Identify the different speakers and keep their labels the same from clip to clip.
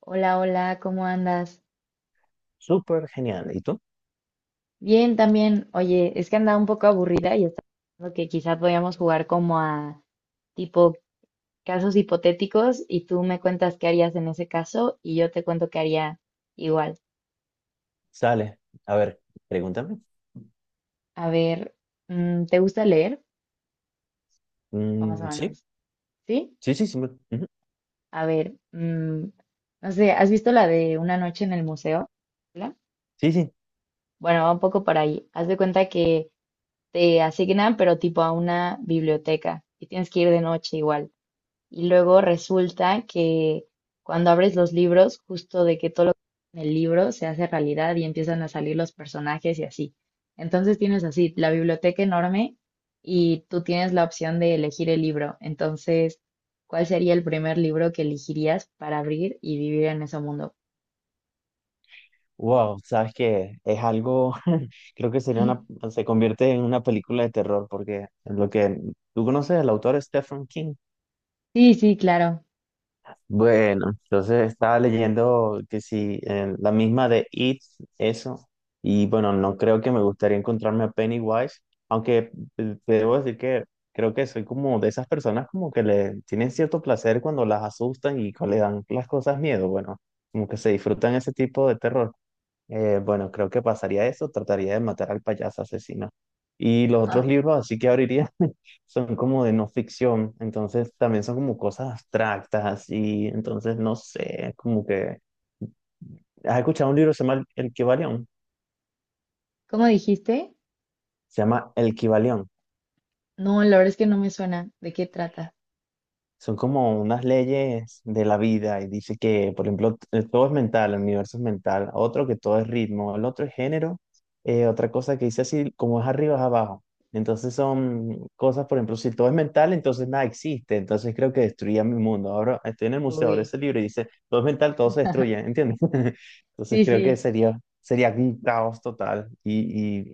Speaker 1: Hola, hola, ¿cómo andas?
Speaker 2: Súper genial. ¿Y tú?
Speaker 1: Bien, también. Oye, es que andaba un poco aburrida y estaba pensando que quizá podíamos jugar como a tipo casos hipotéticos y tú me cuentas qué harías en ese caso y yo te cuento qué haría igual.
Speaker 2: Sale. A ver, pregúntame.
Speaker 1: A ver, ¿te gusta leer? Vamos a
Speaker 2: Sí,
Speaker 1: vernos. ¿Sí?
Speaker 2: sí, sí, sí. Ujú.
Speaker 1: A ver, no sé, ¿has visto la de Una noche en el museo? ¿La?
Speaker 2: Sí, sí.
Speaker 1: Bueno, va un poco por ahí. Haz de cuenta que te asignan, pero tipo a una biblioteca y tienes que ir de noche igual. Y luego resulta que cuando abres los libros, justo de que todo lo que en el libro se hace realidad y empiezan a salir los personajes y así. Entonces tienes así la biblioteca enorme y tú tienes la opción de elegir el libro. Entonces, ¿cuál sería el primer libro que elegirías para abrir y vivir en ese mundo?
Speaker 2: Wow, sabes que es algo, creo que sería una, se convierte en una película de terror porque lo que tú conoces, el autor Stephen King.
Speaker 1: Sí, sí, claro.
Speaker 2: Bueno, entonces estaba leyendo que sí, la misma de It, eso, y bueno, no creo que me gustaría encontrarme a Pennywise, aunque te debo decir que creo que soy como de esas personas como que le tienen cierto placer cuando las asustan y cuando le dan las cosas miedo, bueno, como que se disfrutan ese tipo de terror. Bueno, creo que pasaría eso, trataría de matar al payaso asesino. Y los otros
Speaker 1: Ah,
Speaker 2: libros, así que abriría, son como de no ficción, entonces también son como cosas abstractas y entonces no sé, como que... ¿Has escuchado un libro que se llama El Kybalión?
Speaker 1: ¿cómo dijiste?
Speaker 2: Se llama El Kybalión.
Speaker 1: No, la verdad es que no me suena. ¿De qué trata?
Speaker 2: Son como unas leyes de la vida y dice que, por ejemplo, todo es mental, el universo es mental, otro que todo es ritmo, el otro es género, otra cosa que dice así, como es arriba es abajo. Entonces son cosas, por ejemplo, si todo es mental, entonces nada existe. Entonces creo que destruía mi mundo. Ahora estoy en el museo, ahora
Speaker 1: Uy,
Speaker 2: ese libro y dice, todo es mental, todo se destruye, ¿entiendes? Entonces
Speaker 1: sí,
Speaker 2: creo que
Speaker 1: sí.
Speaker 2: sería un caos total. Y,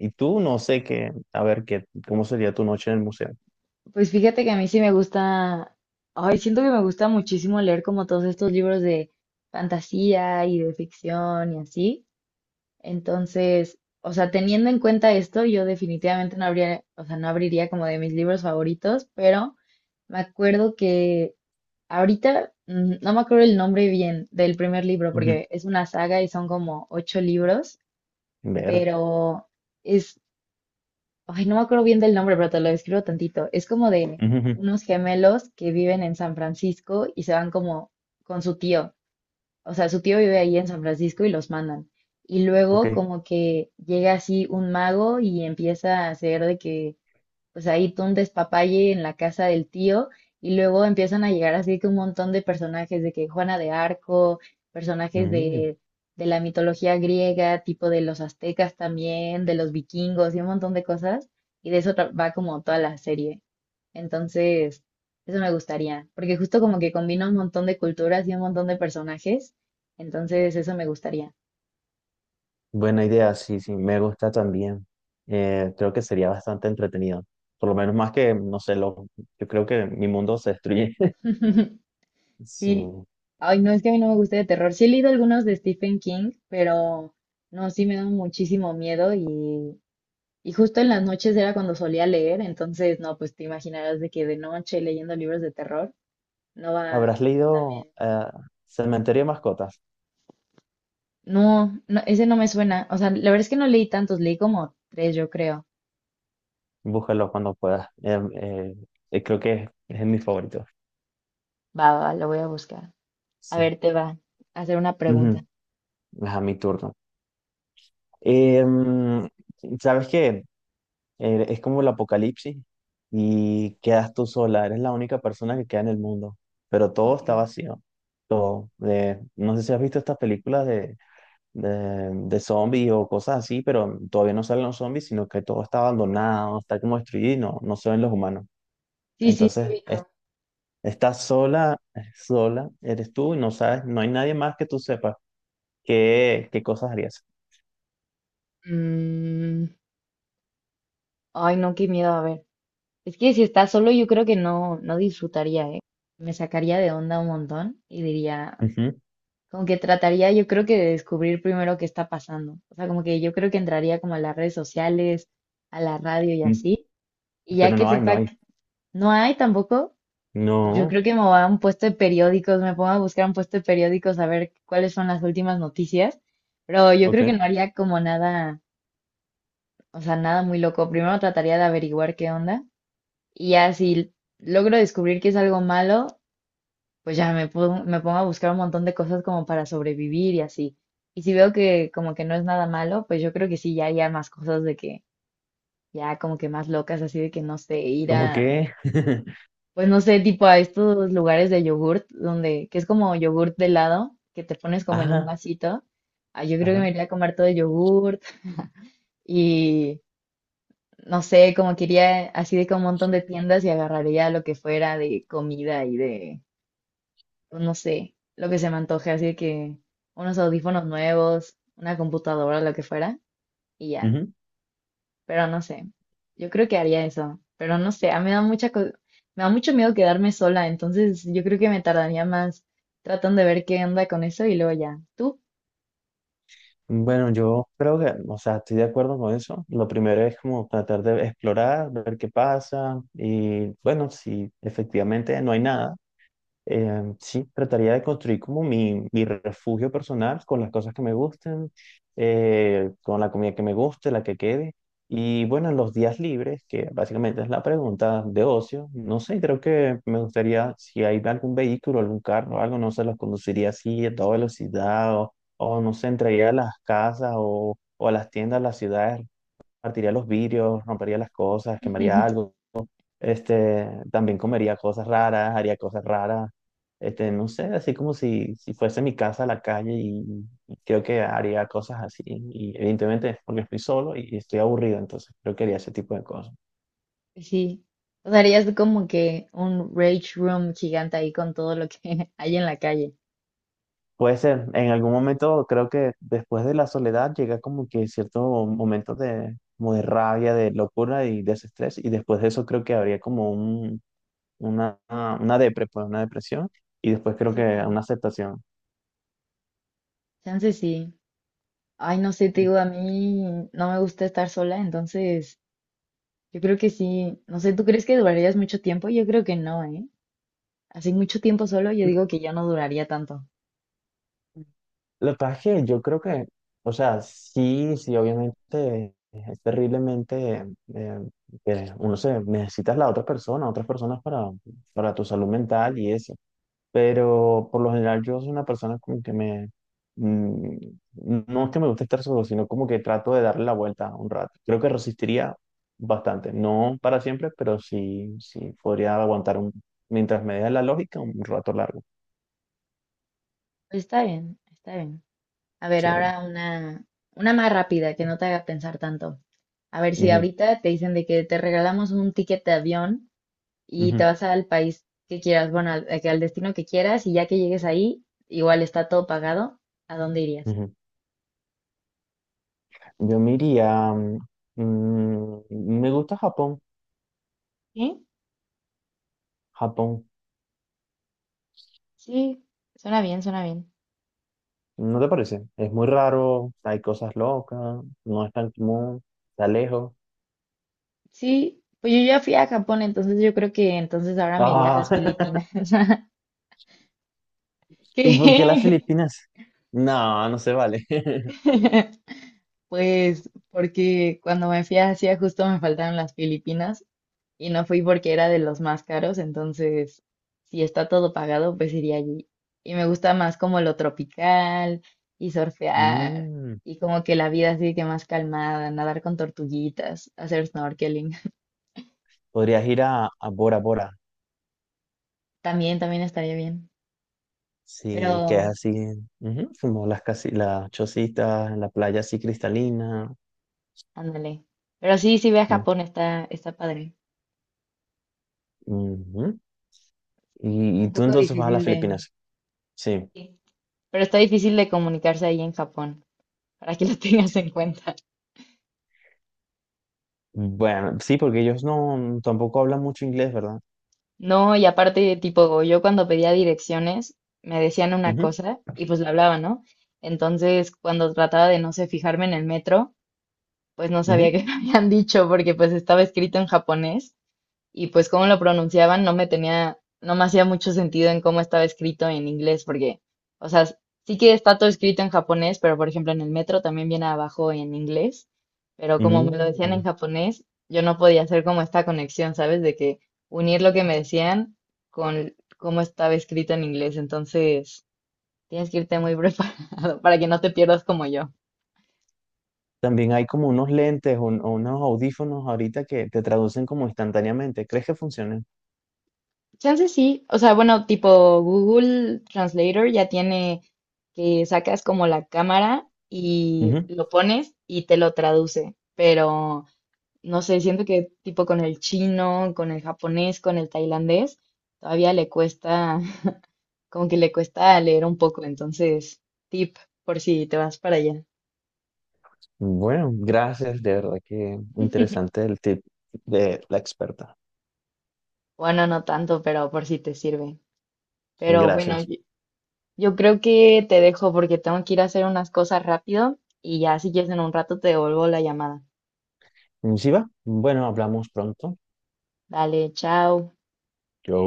Speaker 2: y, y tú no sé qué, a ver, qué, cómo sería tu noche en el museo.
Speaker 1: Pues fíjate que a mí sí me gusta, ay, siento que me gusta muchísimo leer como todos estos libros de fantasía y de ficción y así. Entonces, o sea, teniendo en cuenta esto, yo definitivamente no habría, o sea, no abriría como de mis libros favoritos, pero me acuerdo que ahorita no me acuerdo el nombre bien del primer libro
Speaker 2: Ujú.
Speaker 1: porque es una saga y son como ocho libros,
Speaker 2: Ver.
Speaker 1: pero ay, no me acuerdo bien del nombre, pero te lo describo tantito. Es como de
Speaker 2: Ujú, ujú.
Speaker 1: unos gemelos que viven en San Francisco y se van como con su tío. O sea, su tío vive ahí en San Francisco y los mandan. Y luego
Speaker 2: Ok.
Speaker 1: como que llega así un mago y empieza a hacer de que pues ahí tú un despapalle en la casa del tío y luego empiezan a llegar así que un montón de personajes de que Juana de Arco, personajes
Speaker 2: Mm,
Speaker 1: de la mitología griega, tipo de los aztecas también, de los vikingos y un montón de cosas y de eso va como toda la serie. Entonces, eso me gustaría, porque justo como que combina un montón de culturas y un montón de personajes, entonces eso me gustaría.
Speaker 2: buena idea, sí, sí, me gusta también. Creo que sería bastante entretenido. Por lo menos más que, no sé, lo, yo creo que mi mundo se destruye.
Speaker 1: Sí,
Speaker 2: Sí.
Speaker 1: ay, no es que a mí no me guste de terror. Sí he leído algunos de Stephen King, pero no, sí me da muchísimo miedo y justo en las noches era cuando solía leer, entonces no, pues te imaginarás de que de noche leyendo libros de terror no va
Speaker 2: ¿Habrás leído
Speaker 1: también.
Speaker 2: Cementerio de Mascotas?
Speaker 1: No, no, ese no me suena. O sea, la verdad es que no leí tantos, leí como tres, yo creo.
Speaker 2: Búscalo cuando puedas. Creo que es mi favorito.
Speaker 1: Va, va, va, lo voy a buscar. A
Speaker 2: Sí.
Speaker 1: ver, te va a hacer una
Speaker 2: Ujú.
Speaker 1: pregunta.
Speaker 2: Es a mi turno. Em, ¿Sabes qué? Es como el apocalipsis y quedas tú sola, eres la única persona que queda en el mundo, pero todo
Speaker 1: Ok.
Speaker 2: está vacío, todo. No sé si has visto estas películas de zombies o cosas así, pero todavía no salen los zombies, sino que todo está abandonado, está como destruido y no, no se ven los humanos.
Speaker 1: Sí, sí, sí,
Speaker 2: Entonces,
Speaker 1: ubico.
Speaker 2: estás sola, sola, eres tú y no sabes, no hay nadie más que tú sepas qué, qué cosas harías.
Speaker 1: Mm, Ay, no, qué miedo, a ver. Es que si está solo, yo creo que no, no disfrutaría, ¿eh? Me sacaría de onda un montón y diría,
Speaker 2: Ujú.
Speaker 1: como que trataría, yo creo que de descubrir primero qué está pasando. O sea, como que yo creo que entraría como a las redes sociales, a la radio y
Speaker 2: Mm,
Speaker 1: así. Y ya
Speaker 2: pero
Speaker 1: que
Speaker 2: no hay, no
Speaker 1: sepa
Speaker 2: hay.
Speaker 1: que no hay tampoco, pues yo
Speaker 2: No,
Speaker 1: creo que me voy a un puesto de periódicos, me pongo a buscar un puesto de periódicos a ver cuáles son las últimas noticias. Pero yo creo que no
Speaker 2: ok.
Speaker 1: haría como nada, o sea, nada muy loco. Primero trataría de averiguar qué onda y ya si logro descubrir que es algo malo, pues ya me pongo a buscar un montón de cosas como para sobrevivir y así. Y si veo que como que no es nada malo, pues yo creo que sí, ya haría más cosas de que, ya como que más locas, así de que no sé, ir
Speaker 2: ¿Cómo
Speaker 1: a,
Speaker 2: que?
Speaker 1: pues no sé, tipo a estos lugares de yogurt, donde, que es como yogurt de helado, que te pones como en un
Speaker 2: Ah.
Speaker 1: vasito. Ah, yo creo que
Speaker 2: Ajá.
Speaker 1: me iría a comer todo el yogurt y no sé, como que iría así de que a un montón de tiendas y agarraría lo que fuera de comida y de pues, no sé, lo que se me antoje, así que unos audífonos nuevos, una computadora, lo que fuera, y ya.
Speaker 2: Ujú.
Speaker 1: Pero no sé, yo creo que haría eso, pero no sé, a mí me da me da mucho miedo quedarme sola, entonces yo creo que me tardaría más tratando de ver qué onda con eso y luego ya. ¿Tú?
Speaker 2: Bueno, yo creo que, o sea, estoy de acuerdo con eso. Lo primero es como tratar de explorar, ver qué pasa y bueno, si efectivamente no hay nada. Sí, trataría de construir como mi refugio personal con las cosas que me gusten, con la comida que me guste, la que quede. Y bueno, en los días libres, que básicamente es la pregunta de ocio, no sé, creo que me gustaría, si hay algún vehículo, algún carro, algo, no se los conduciría así a toda velocidad o no sé, entraría a las casas o a las tiendas, a las ciudades, partiría los vidrios, rompería las cosas, quemaría algo este, también comería cosas raras, haría cosas raras. Este, no sé, así como si, si fuese mi casa a la calle y creo que haría cosas así. Y evidentemente es porque estoy solo y estoy aburrido, entonces creo que haría ese tipo de cosas.
Speaker 1: Sí. O sea, harías como que un rage room gigante ahí con todo lo que hay en la calle.
Speaker 2: Puede ser, en algún momento creo que después de la soledad llega como que cierto momento de, como de rabia, de locura y desestrés. Y después de eso creo que habría como un, una depre, pues, una depresión. Y después creo
Speaker 1: Sí,
Speaker 2: que
Speaker 1: sí.
Speaker 2: una aceptación.
Speaker 1: Chance sí. Ay, no sé, te digo, a mí no me gusta estar sola, entonces yo creo que sí, no sé, ¿tú crees que durarías mucho tiempo? Yo creo que no, ¿eh? Así mucho tiempo solo, yo digo que ya no duraría tanto.
Speaker 2: Lo que pasa es que yo creo que, o sea, sí, sí, obviamente es terriblemente eh, que uno se necesitas la otra persona, otras personas para tu salud mental y eso. Pero por lo general yo soy una persona como que me, mm, no es que me guste estar solo, sino como que trato de darle la vuelta un rato. Creo que resistiría bastante, no para siempre, pero sí, sí, podría aguantar un, mientras me dé la lógica un rato largo.
Speaker 1: Pero está bien, está bien. A ver,
Speaker 2: Sí.
Speaker 1: ahora una más rápida que no te haga pensar tanto. A ver, si
Speaker 2: Ujú,
Speaker 1: ahorita te dicen de que te regalamos un ticket de avión y te
Speaker 2: ujú,
Speaker 1: vas al país que quieras, bueno, al destino que quieras, y ya que llegues ahí, igual está todo pagado, ¿a dónde irías?
Speaker 2: ujú. Yo me iría. mm, Me gusta Japón.
Speaker 1: ¿Sí?
Speaker 2: Japón,
Speaker 1: Sí, suena bien, suena bien.
Speaker 2: ¿no te parece? Es muy raro, hay cosas locas, no es tan común, está lejos.
Speaker 1: Sí, pues yo ya fui a Japón, entonces yo creo que entonces ahora me iría a
Speaker 2: Ah,
Speaker 1: las Filipinas.
Speaker 2: ¿y por qué las
Speaker 1: ¿Qué?
Speaker 2: Filipinas? No, no se vale.
Speaker 1: Pues porque cuando me fui a Asia justo me faltaron las Filipinas y no fui porque era de los más caros, entonces si está todo pagado, pues iría allí. Y me gusta más como lo tropical y surfear
Speaker 2: Mm,
Speaker 1: y como que la vida así que más calmada, nadar con tortuguitas, hacer snorkeling.
Speaker 2: podrías ir a Bora Bora,
Speaker 1: También, también estaría bien.
Speaker 2: sí, que es
Speaker 1: Pero
Speaker 2: así, ujú, como las, casi, las chocitas, la playa así cristalina.
Speaker 1: ándale. Pero sí, sí ve a
Speaker 2: Mm,
Speaker 1: Japón, está, está padre.
Speaker 2: ujú.
Speaker 1: Está
Speaker 2: Y
Speaker 1: un
Speaker 2: tú
Speaker 1: poco
Speaker 2: entonces vas a
Speaker 1: difícil
Speaker 2: las
Speaker 1: de...
Speaker 2: Filipinas, sí.
Speaker 1: sí, pero está difícil de comunicarse ahí en Japón, para que lo tengas en cuenta.
Speaker 2: Bueno, sí, porque ellos no tampoco hablan mucho inglés, ¿verdad?
Speaker 1: No, y aparte, tipo, yo cuando pedía direcciones, me decían una
Speaker 2: Ujú,
Speaker 1: cosa y pues la hablaba, ¿no? Entonces, cuando trataba de no sé, fijarme en el metro, pues no sabía
Speaker 2: ujú.
Speaker 1: qué me habían dicho porque pues estaba escrito en japonés. Y pues cómo lo pronunciaban no me tenía, no me hacía mucho sentido en cómo estaba escrito en inglés, porque, o sea, sí que está todo escrito en japonés, pero por ejemplo en el metro también viene abajo en inglés, pero como me lo decían en
Speaker 2: Mm.
Speaker 1: japonés, yo no podía hacer como esta conexión, ¿sabes? De que unir lo que me decían con cómo estaba escrito en inglés, entonces tienes que irte muy preparado para que no te pierdas como yo.
Speaker 2: También hay como unos lentes o unos audífonos ahorita que te traducen como instantáneamente. ¿Crees que funcionen?
Speaker 1: Chance sí, o sea, bueno, tipo Google Translator ya tiene que sacas como la cámara y
Speaker 2: Ujú.
Speaker 1: lo pones y te lo traduce, pero no sé, siento que tipo con el chino, con el japonés, con el tailandés, todavía le cuesta, como que le cuesta leer un poco, entonces, tip por si te vas para allá.
Speaker 2: Bueno, gracias, de verdad que interesante el tip de la experta.
Speaker 1: Bueno, no tanto, pero por si te sirve. Pero bueno,
Speaker 2: Gracias.
Speaker 1: yo creo que te dejo porque tengo que ir a hacer unas cosas rápido y ya si quieres en un rato te devuelvo la llamada.
Speaker 2: ¿Sí va? Bueno, hablamos pronto.
Speaker 1: Dale, chao.
Speaker 2: Yo